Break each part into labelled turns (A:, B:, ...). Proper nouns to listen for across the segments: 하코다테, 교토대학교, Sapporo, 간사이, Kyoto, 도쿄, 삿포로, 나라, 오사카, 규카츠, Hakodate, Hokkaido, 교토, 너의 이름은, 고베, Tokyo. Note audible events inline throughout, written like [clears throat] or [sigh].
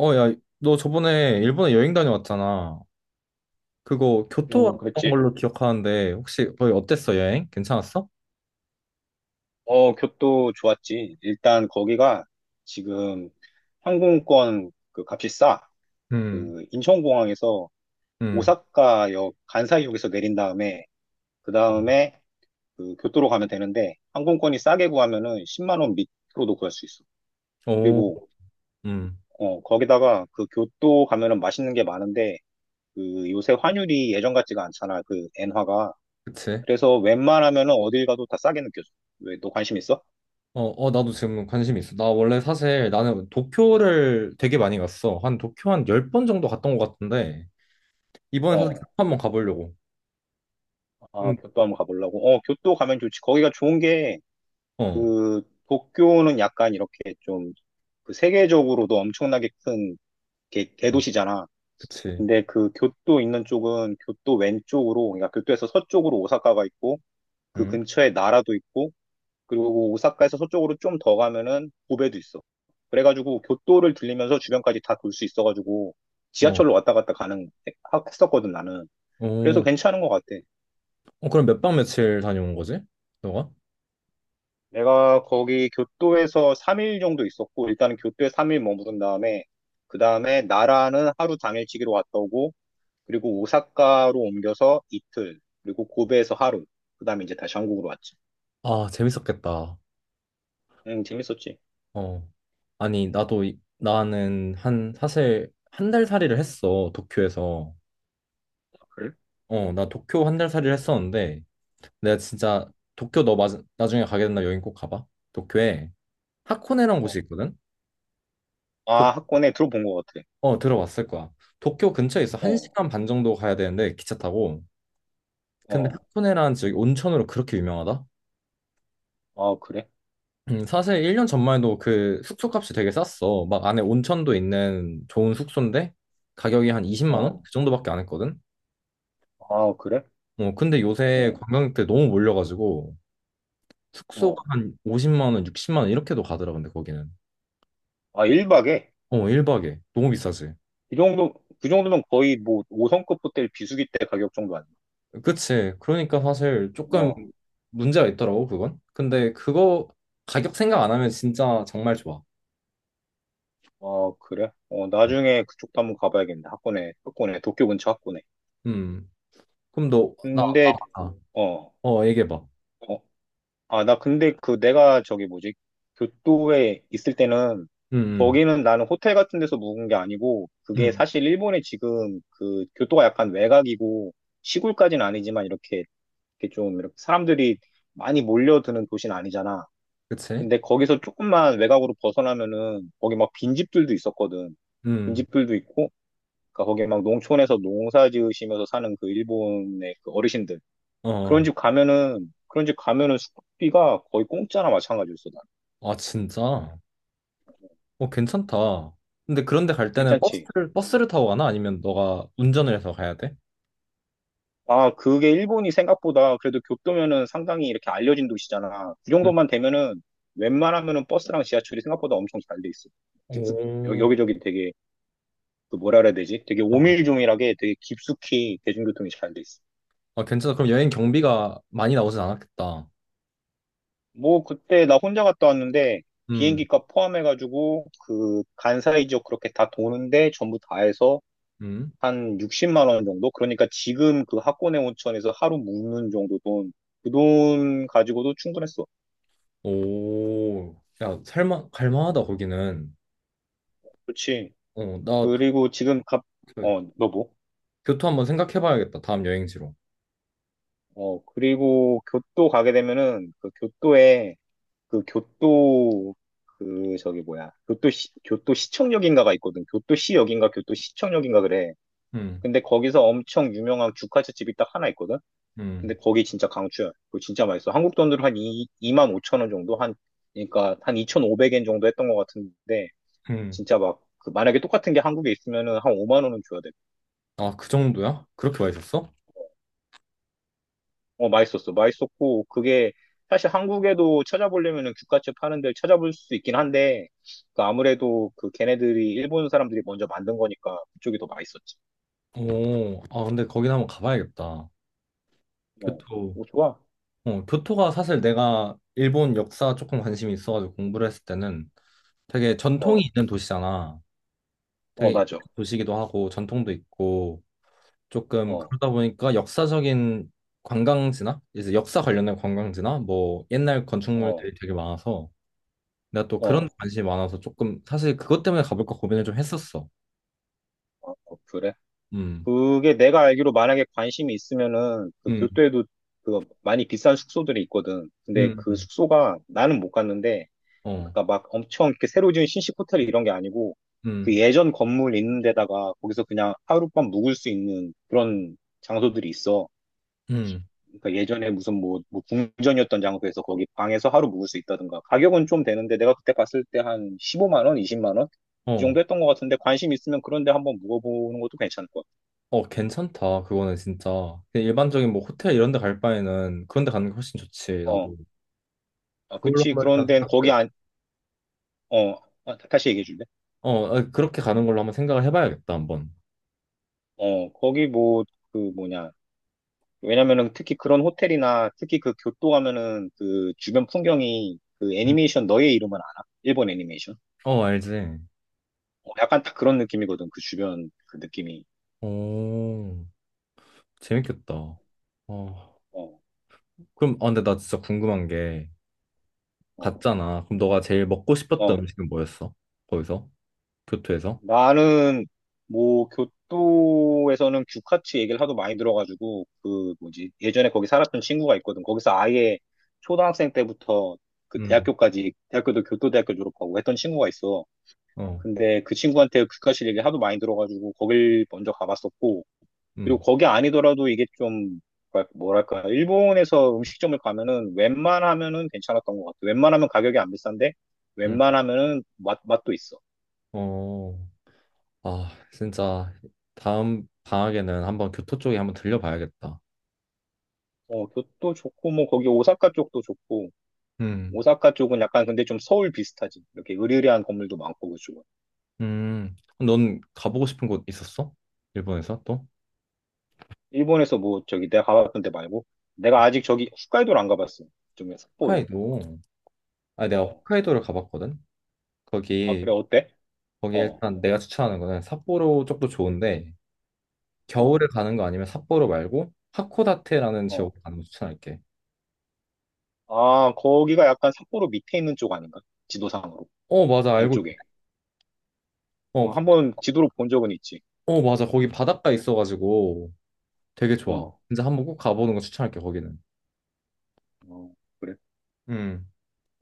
A: 어, 야, 너 저번에 일본에 여행 다녀왔잖아. 그거 교토
B: 뭐
A: 왔던
B: 그랬지.
A: 걸로 기억하는데 혹시 거기 어땠어, 여행? 괜찮았어?
B: 어, 교토 좋았지. 일단 거기가 지금 항공권 그 값이 싸.
A: 음.
B: 그 인천공항에서
A: 음.
B: 오사카역 간사이역에서 내린 다음에 그 다음에 그 교토로 가면 되는데 항공권이 싸게 구하면은 10만 원 밑으로도 구할 수 있어.
A: 오.
B: 그리고
A: 음.
B: 거기다가 그 교토 가면은 맛있는 게 많은데 그 요새 환율이 예전 같지가 않잖아. 그 엔화가.
A: 그치.
B: 그래서 웬만하면은 어딜 가도 다 싸게 느껴져. 왜 너 관심 있어?
A: 어, 어, 나도 지금 관심 있어. 나 원래 사실 나는 도쿄를 되게 많이 갔어. 한 도쿄 한 열 번 정도 갔던 것 같은데 이번에 사실 교토
B: 어.
A: 한번 가보려고.
B: 아,
A: 응.
B: 교토 한번 가보려고. 어, 교토 가면 좋지. 거기가 좋은 게,
A: 어.
B: 그, 도쿄는 약간 이렇게 좀, 그 세계적으로도 엄청나게 큰
A: 음.
B: 대도시잖아.
A: 그치.
B: 근데 그 교토 있는 쪽은 교토 왼쪽으로, 그러니까 교토에서 서쪽으로 오사카가 있고, 그
A: 응.
B: 근처에 나라도 있고, 그리고 오사카에서 서쪽으로 좀 더 가면은 고베도 있어. 그래가지고 교토를 들리면서 주변까지 다 돌 수 있어가지고,
A: 어.
B: 지하철로 왔다 갔다 가는, 했었거든, 나는. 그래서
A: 오.
B: 괜찮은 것 같아.
A: 어. 그럼 몇 박 며칠 다녀온 거지? 너가?
B: 내가 거기 교토에서 3일 정도 있었고, 일단은 교토에 3일 머무른 다음에, 그 다음에 나라는 하루 당일치기로 왔다 오고, 그리고 오사카로 옮겨서 이틀, 그리고 고베에서 하루, 그 다음에 이제 다시 한국으로 왔지.
A: 아, 재밌었겠다.
B: 응, 재밌었지.
A: 어. 아니, 나도, 나는 한, 사실 한 달 살이를 했어, 도쿄에서.
B: 그래?
A: 어, 나 도쿄 한 달 살이를 했었는데, 내가 진짜 도쿄 너 나중에 가게 된다 여행 꼭 가봐. 도쿄에 하코네라는
B: 어.
A: 곳이 있거든? 도,
B: 아, 학원에 들어본 것 같아.
A: 어, 들어봤을 거야. 도쿄 근처에 있어. 한
B: 어,
A: 시간 반 정도 가야 되는데, 기차 타고. 근데
B: 어,
A: 하코네라는 지역이 온천으로 그렇게 유명하다?
B: 아, 그래?
A: 사실 1년 전만 해도 그 숙소 값이 되게 쌌어. 막 안에 온천도 있는 좋은 숙소인데, 가격이 한 20만 원?
B: 어,
A: 그 정도밖에 안 했거든?
B: 아, 그래?
A: 어, 근데 요새
B: 어,
A: 관광객들 너무 몰려가지고 숙소가
B: 어.
A: 한 50만 원, 60만 원 이렇게도 가더라 근데 거기는.
B: 아, 1박에?
A: 어, 1박에. 너무 비싸지.
B: 이 정도, 그 정도면 거의 뭐 5성급 호텔 비수기 때 가격 정도 아니야?
A: 그치. 그러니까 사실 조금
B: 어,
A: 문제가 있더라고 그건. 근데 그거 가격 생각 안 하면 진짜 정말 좋아.
B: 어, 그래? 어,
A: 응.
B: 나중에 그쪽도 한번 가봐야겠네. 학군에, 학군에, 도쿄 근처 학군에.
A: 음. 그럼 너, 나,
B: 근데,
A: 아,
B: 어,
A: 어, 얘기해봐.
B: 어, 아, 나 근데 그 내가 저기 뭐지? 교토에 있을 때는
A: 음. 음.
B: 거기는 나는 호텔 같은 데서 묵은 게 아니고 그게
A: 음.
B: 사실 일본에 지금 그 교토가 약간 외곽이고 시골까지는 아니지만 이렇게, 이렇게 좀 이렇게 사람들이 많이 몰려드는 도시는 아니잖아.
A: 그치?
B: 근데 거기서 조금만 외곽으로 벗어나면은 거기 막 빈집들도 있었거든.
A: 음.
B: 빈집들도 있고 그러니까 거기 막 농촌에서 농사 지으시면서 사는 그 일본의 그 어르신들.
A: 어. 어.
B: 그런 집 가면은, 그런 집 가면은 숙박비가 거의 공짜나 마찬가지였어, 난.
A: 아, 진짜? 어, 괜찮다. 근데 그런데 갈 때는
B: 괜찮지?
A: 버스를 타고 가나? 아니면 너가 운전을 해서 가야 돼?
B: 아, 그게 일본이 생각보다 그래도 교토면은 상당히 이렇게 알려진 도시잖아. 그
A: 음.
B: 정도만 되면은 웬만하면은 버스랑 지하철이 생각보다 엄청 잘 돼 있어. 깊숙,
A: 오.
B: 여기저기 되게, 그 뭐라 그래야 되지? 되게
A: 어.
B: 오밀조밀하게 되게 깊숙이 대중교통이 잘 돼 있어.
A: 아, 괜찮아. 그럼 여행 경비가 많이 나오진 않았겠다.
B: 뭐 그때 나 혼자 갔다 왔는데
A: 음.
B: 비행기값 포함해가지고 그 간사이 지역 그렇게 다 도는데 전부 다 해서
A: 음.
B: 한 60만 원 정도? 그러니까 지금 그 학군의 온천에서 하루 묵는 정도 돈, 그 돈 가지고도 충분했어.
A: 오. 야, 살만 갈만하다 거기는.
B: 그렇지.
A: 어, 나 도-
B: 그리고 지금
A: 그
B: 어, 너 뭐?
A: 교토 한번 생각해 봐야겠다. 다음 여행지로.
B: 어, 그리고 교토 가게 되면은 그 교토에 그 교토 그 저기 뭐야? 교토시 교토시청역인가가 있거든. 교토시역인가 교토시청역인가 그래.
A: 음.
B: 근데 거기서 엄청 유명한 규카츠 집이 딱 하나 있거든? 근데
A: 음.
B: 거기 진짜 강추야. 그거 진짜 맛있어. 한국 돈으로 한 2, 만 5천 원 정도? 한, 그러니까 한 2,500엔 정도 했던 것 같은데,
A: 음.
B: 진짜 막, 그 만약에 똑같은 게 한국에 있으면은 한 5만 원은 줘야 돼.
A: 아, 그 정도야? 그렇게 와 있었어?
B: 어, 맛있었어. 맛있었고, 그게, 사실 한국에도 찾아보려면은 규카츠 파는 데를 찾아볼 수 있긴 한데, 그 아무래도 그 걔네들이 일본 사람들이 먼저 만든 거니까 그쪽이 더 맛있었지.
A: 오. 아, 근데 거긴 한번 가봐야겠다.
B: 어,
A: 교토.
B: 오, 좋아.
A: 어, 교토가 사실 내가 일본 역사 조금 관심이 있어가지고 공부를 했을 때는 되게 전통이
B: 어,
A: 있는 도시잖아.
B: 어,
A: 되게
B: 맞아.
A: 도시기도 하고 전통도 있고 조금
B: 어,
A: 그러다 보니까 역사적인 관광지나 이제 역사 관련된 관광지나 뭐 옛날
B: 어,
A: 건축물들이 되게 많아서 내가 또 그런
B: 어,
A: 데 관심이 많아서 조금 사실 그것 때문에 가볼까 고민을 좀 했었어.
B: 어, 그래.
A: 음.
B: 그게 내가 알기로 만약에 관심이 있으면은 그
A: 음.
B: 교토에도 그 많이 비싼 숙소들이 있거든. 근데
A: 음.
B: 그
A: 음.
B: 숙소가 나는 못 갔는데
A: 어.
B: 그러니까 막 엄청 이렇게 새로 지은 신식 호텔 이런 게 아니고 그
A: 음.
B: 예전 건물 있는 데다가 거기서 그냥 하룻밤 묵을 수 있는 그런 장소들이 있어.
A: 음.
B: 그러니까 예전에 무슨 뭐 궁전이었던 장소에서 거기 방에서 하루 묵을 수 있다든가. 가격은 좀 되는데 내가 그때 갔을 때 한 15만 원, 20만 원? 그
A: 어.
B: 정도 했던 것 같은데 관심 있으면 그런 데 한번 묵어보는 것도 괜찮을 것 같아.
A: 어, 괜찮다. 그거는 진짜 그냥 일반적인 뭐 호텔 이런 데 갈 바에는 그런 데 가는 게 훨씬 좋지.
B: 어.
A: 나도
B: 아,
A: 그걸로
B: 그치.
A: 한번 일단
B: 그런데 거기
A: 생각해.
B: 안, 어, 아, 다시 얘기해 줄래?
A: 어, 아, 그렇게 가는 걸로 한번 생각을 해봐야겠다. 한번.
B: 어, 거기 뭐, 그 뭐냐. 왜냐면은 특히 그런 호텔이나 특히 그 교토 가면은 그 주변 풍경이 그
A: 음.
B: 애니메이션 너의 이름은 알아? 일본 애니메이션?
A: 어, 알지.
B: 어, 약간 딱 그런 느낌이거든. 그 주변 그 느낌이.
A: 오. 재밌겠다. 어.
B: 어,
A: 그럼, 아, 근데 나 진짜 궁금한 게,
B: 어,
A: 갔잖아. 그럼 너가 제일 먹고 싶었던
B: 어.
A: 음식은 뭐였어? 거기서? 교토에서?
B: 나는 뭐 교토에서는 규카츠 얘기를 하도 많이 들어가지고 그 뭐지 예전에 거기 살았던 친구가 있거든. 거기서 아예 초등학생 때부터 그
A: 음.
B: 대학교까지 대학교도 교토대학교 졸업하고 했던 친구가 있어.
A: 어.
B: 근데 그 친구한테 규카츠 얘기를 하도 많이 들어가지고 거길 먼저 가봤었고 그리고
A: 음.
B: 거기 아니더라도 이게 좀 뭐랄까 일본에서 음식점을 가면은 웬만하면은 괜찮았던 것 같아. 웬만하면 가격이 안 비싼데
A: 음.
B: 웬만하면은 맛 맛도 있어.
A: 어, 아, 진짜, 다음 방학에는 한번 교토 쪽에 한번 들려봐야겠다.
B: 어, 교토 좋고, 뭐, 거기 오사카 쪽도 좋고,
A: 음.
B: 오사카 쪽은 약간 근데 좀 서울 비슷하지. 이렇게 으리으리한 건물도 많고, 그쪽은.
A: 음. 넌 가보고 싶은 곳 있었어? 일본에서 또?
B: 일본에서 뭐, 저기 내가 가봤던 데 말고, 내가 아직 저기 홋카이도를 안 가봤어. 좀 삿포로.
A: 홋카이도. 아, 내가
B: 어.
A: 홋카이도를 가봤거든?
B: 아,
A: 거기,
B: 그래, 어때?
A: 거기
B: 어,
A: 일단 내가 추천하는 거는 삿포로 쪽도 좋은데, 겨울에
B: 어,
A: 가는 거 아니면 삿포로 말고 하코다테라는
B: 어.
A: 지역을 가는 거 추천할게.
B: 아, 거기가 약간 삿포로 밑에 있는 쪽 아닌가? 지도상으로.
A: 어, 맞아.
B: 남쪽에.
A: 어,
B: 어, 한번 지도로 본 적은 있지.
A: 어, 맞아. 거기 바닷가 있어가지고 되게 좋아.
B: 어,
A: 진짜 한번 꼭 가보는 거 추천할게, 거기는.
B: 어, 그래.
A: 음.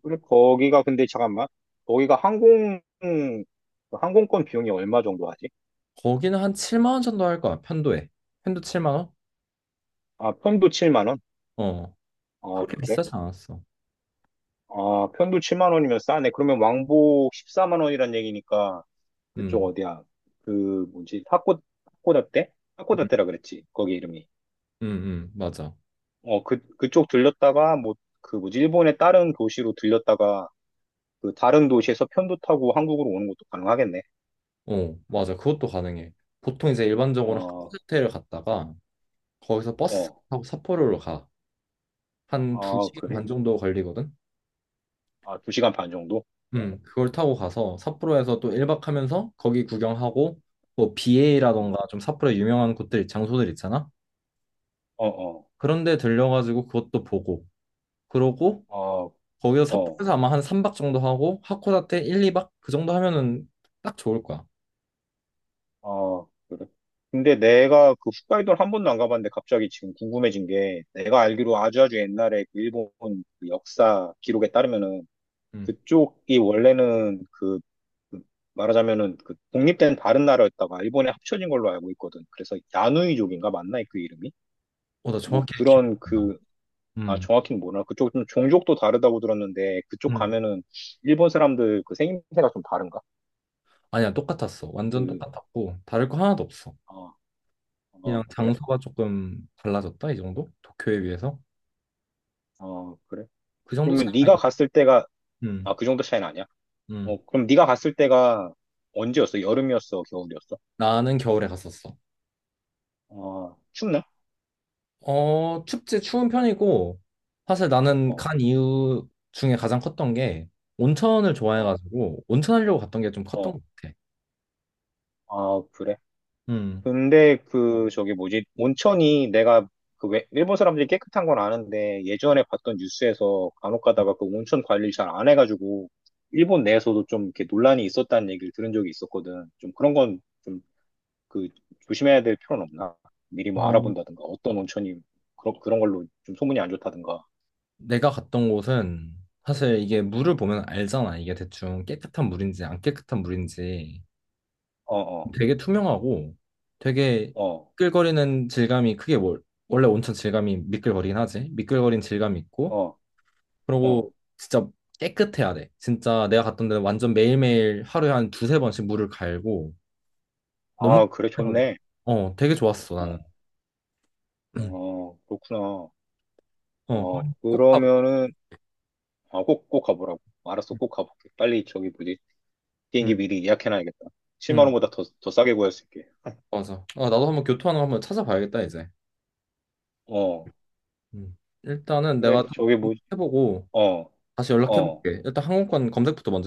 B: 그래, 거기가 근데 잠깐만. 거기가 항공, 그 항공권 비용이 얼마 정도 하지?
A: 거기는 한 7만 원 정도 할 거야. 편도에. 편도 7만 원?
B: 아, 편도 7만 원?
A: 어.
B: 아,
A: 그렇게
B: 그래?
A: 비싸지 않았어.
B: 아, 편도 7만 원이면 싸네. 그러면 왕복 14만 원이란 얘기니까 그쪽
A: 음.
B: 어디야? 그 뭐지? 하코다테?
A: 음.
B: 하코다테라 그랬지. 거기 이름이.
A: 음. 음. 맞아.
B: 어, 그 그쪽 들렸다가 뭐 그 뭐지? 일본의 다른 도시로 들렸다가 그 다른 도시에서 편도 타고 한국으로 오는 것도 가능하겠네.
A: 어, 맞아. 그것도 가능해. 보통 이제 일반적으로
B: 어,
A: 하코다테를 갔다가 거기서 버스
B: 어.
A: 타고 삿포로로 가. 한
B: 아,
A: 2시간
B: 그래?
A: 반 정도 걸리거든.
B: 아, 2시간 반 정도? 어.
A: 그걸 타고 가서 삿포로에서 또 1박 하면서 거기 구경하고 뭐
B: 음.
A: 비에이라던가 좀 삿포로 유명한 곳들 장소들 있잖아.
B: 어, 어.
A: 그런데 들려가지고 그것도 보고 그러고
B: 어,
A: 거기서
B: 어.
A: 삿포로에서 아마 한 3박 정도 하고 하코다테 1, 2박 그 정도 하면은 딱 좋을 거야.
B: 아, 그래. 근데 내가 그 홋카이도를 한 번도 안 가봤는데 갑자기 지금 궁금해진 게 내가 알기로 아주아주 옛날에 그 일본 그 역사 기록에 따르면은
A: 음.
B: 그쪽이 원래는 그 말하자면은 그 독립된 다른 나라였다가 일본에 합쳐진 걸로 알고 있거든. 그래서 야누이족인가 맞나 그 이름이?
A: 어, 나
B: 뭐
A: 정확히 기억이
B: 그런
A: 안 나.
B: 그 아
A: 음.
B: 정확히는 뭐라 그쪽 좀 종족도 다르다고 들었는데 그쪽
A: 음.
B: 가면은 일본 사람들 그 생김새가 좀 다른가?
A: 아니야, 똑같았어. 완전
B: 그
A: 똑같았고 다를 거 하나도 없어.
B: 어,
A: 그냥
B: 어, 그래.
A: 장소가 조금 달라졌다 이 정도? 도쿄에 비해서
B: 어, 그래.
A: 그 정도
B: 그러면
A: 차이가
B: 네가
A: 있나?
B: 갔을 때가
A: 음.
B: 아, 그 정도 차이는 아니야?
A: 음.
B: 어, 그럼 네가 갔을 때가 언제였어? 여름이었어? 겨울이었어?
A: 나는 겨울에 갔었어.
B: 어, 춥나?
A: 어, 춥지 추운 편이고, 사실 나는
B: 어,
A: 간 이유 중에 가장 컸던 게, 온천을
B: 어,
A: 좋아해가지고, 온천하려고 갔던 게 좀 컸던
B: 어.
A: 것 같아.
B: 아, 그래?
A: 음.
B: 근데 그, 저기 뭐지? 온천이 내가 그 왜, 일본 사람들이 깨끗한 건 아는데 예전에 봤던 뉴스에서 간혹 가다가 그 온천 관리를 잘 안 해가지고 일본 내에서도 좀 이렇게 논란이 있었다는 얘기를 들은 적이 있었거든. 좀 그런 건 좀 그 조심해야 될 필요는 없나? 미리 뭐
A: 어,
B: 알아본다든가 어떤 온천이 그런, 그런 걸로 좀 소문이 안 좋다든가.
A: 내가 갔던 곳은, 사실 이게 물을 보면 알잖아. 이게 대충 깨끗한 물인지 안 깨끗한 물인지
B: 어, 어,
A: 되게 투명하고 되게
B: 어.
A: 미끌거리는 질감이 크게 원래 온천 질감이 미끌거리긴 하지. 미끌거린 질감이 있고
B: 어,
A: 그리고
B: 어.
A: 진짜 깨끗해야 돼. 진짜 내가 갔던 데는 완전 매일매일 하루에 한 두세 번씩 물을 갈고 너무
B: 아, 그래,
A: 깨끗하게.
B: 좋네.
A: 어, 되게 좋았어, 나는.
B: 어,
A: [clears throat] 음.
B: 어, 그렇구나.
A: 어,
B: 어,
A: 꼭 가보.
B: 그러면은, 아, 꼭, 꼭 가보라고. 알았어, 꼭 가볼게. 빨리 저기 뭐지? 비행기
A: 응.
B: 미리 예약해놔야겠다. 7만
A: 응.
B: 원보다 더, 더 싸게 구할 수 있게.
A: 맞아. 아, 나도 한번 교토하는 거 한번 찾아봐야겠다, 이제.
B: 어,
A: 음. 일단은
B: 근데
A: 내가 좀
B: 저기 뭐,
A: 해보고
B: 어,
A: 다시
B: 어.
A: 연락해볼게. 일단 항공권 검색부터 먼저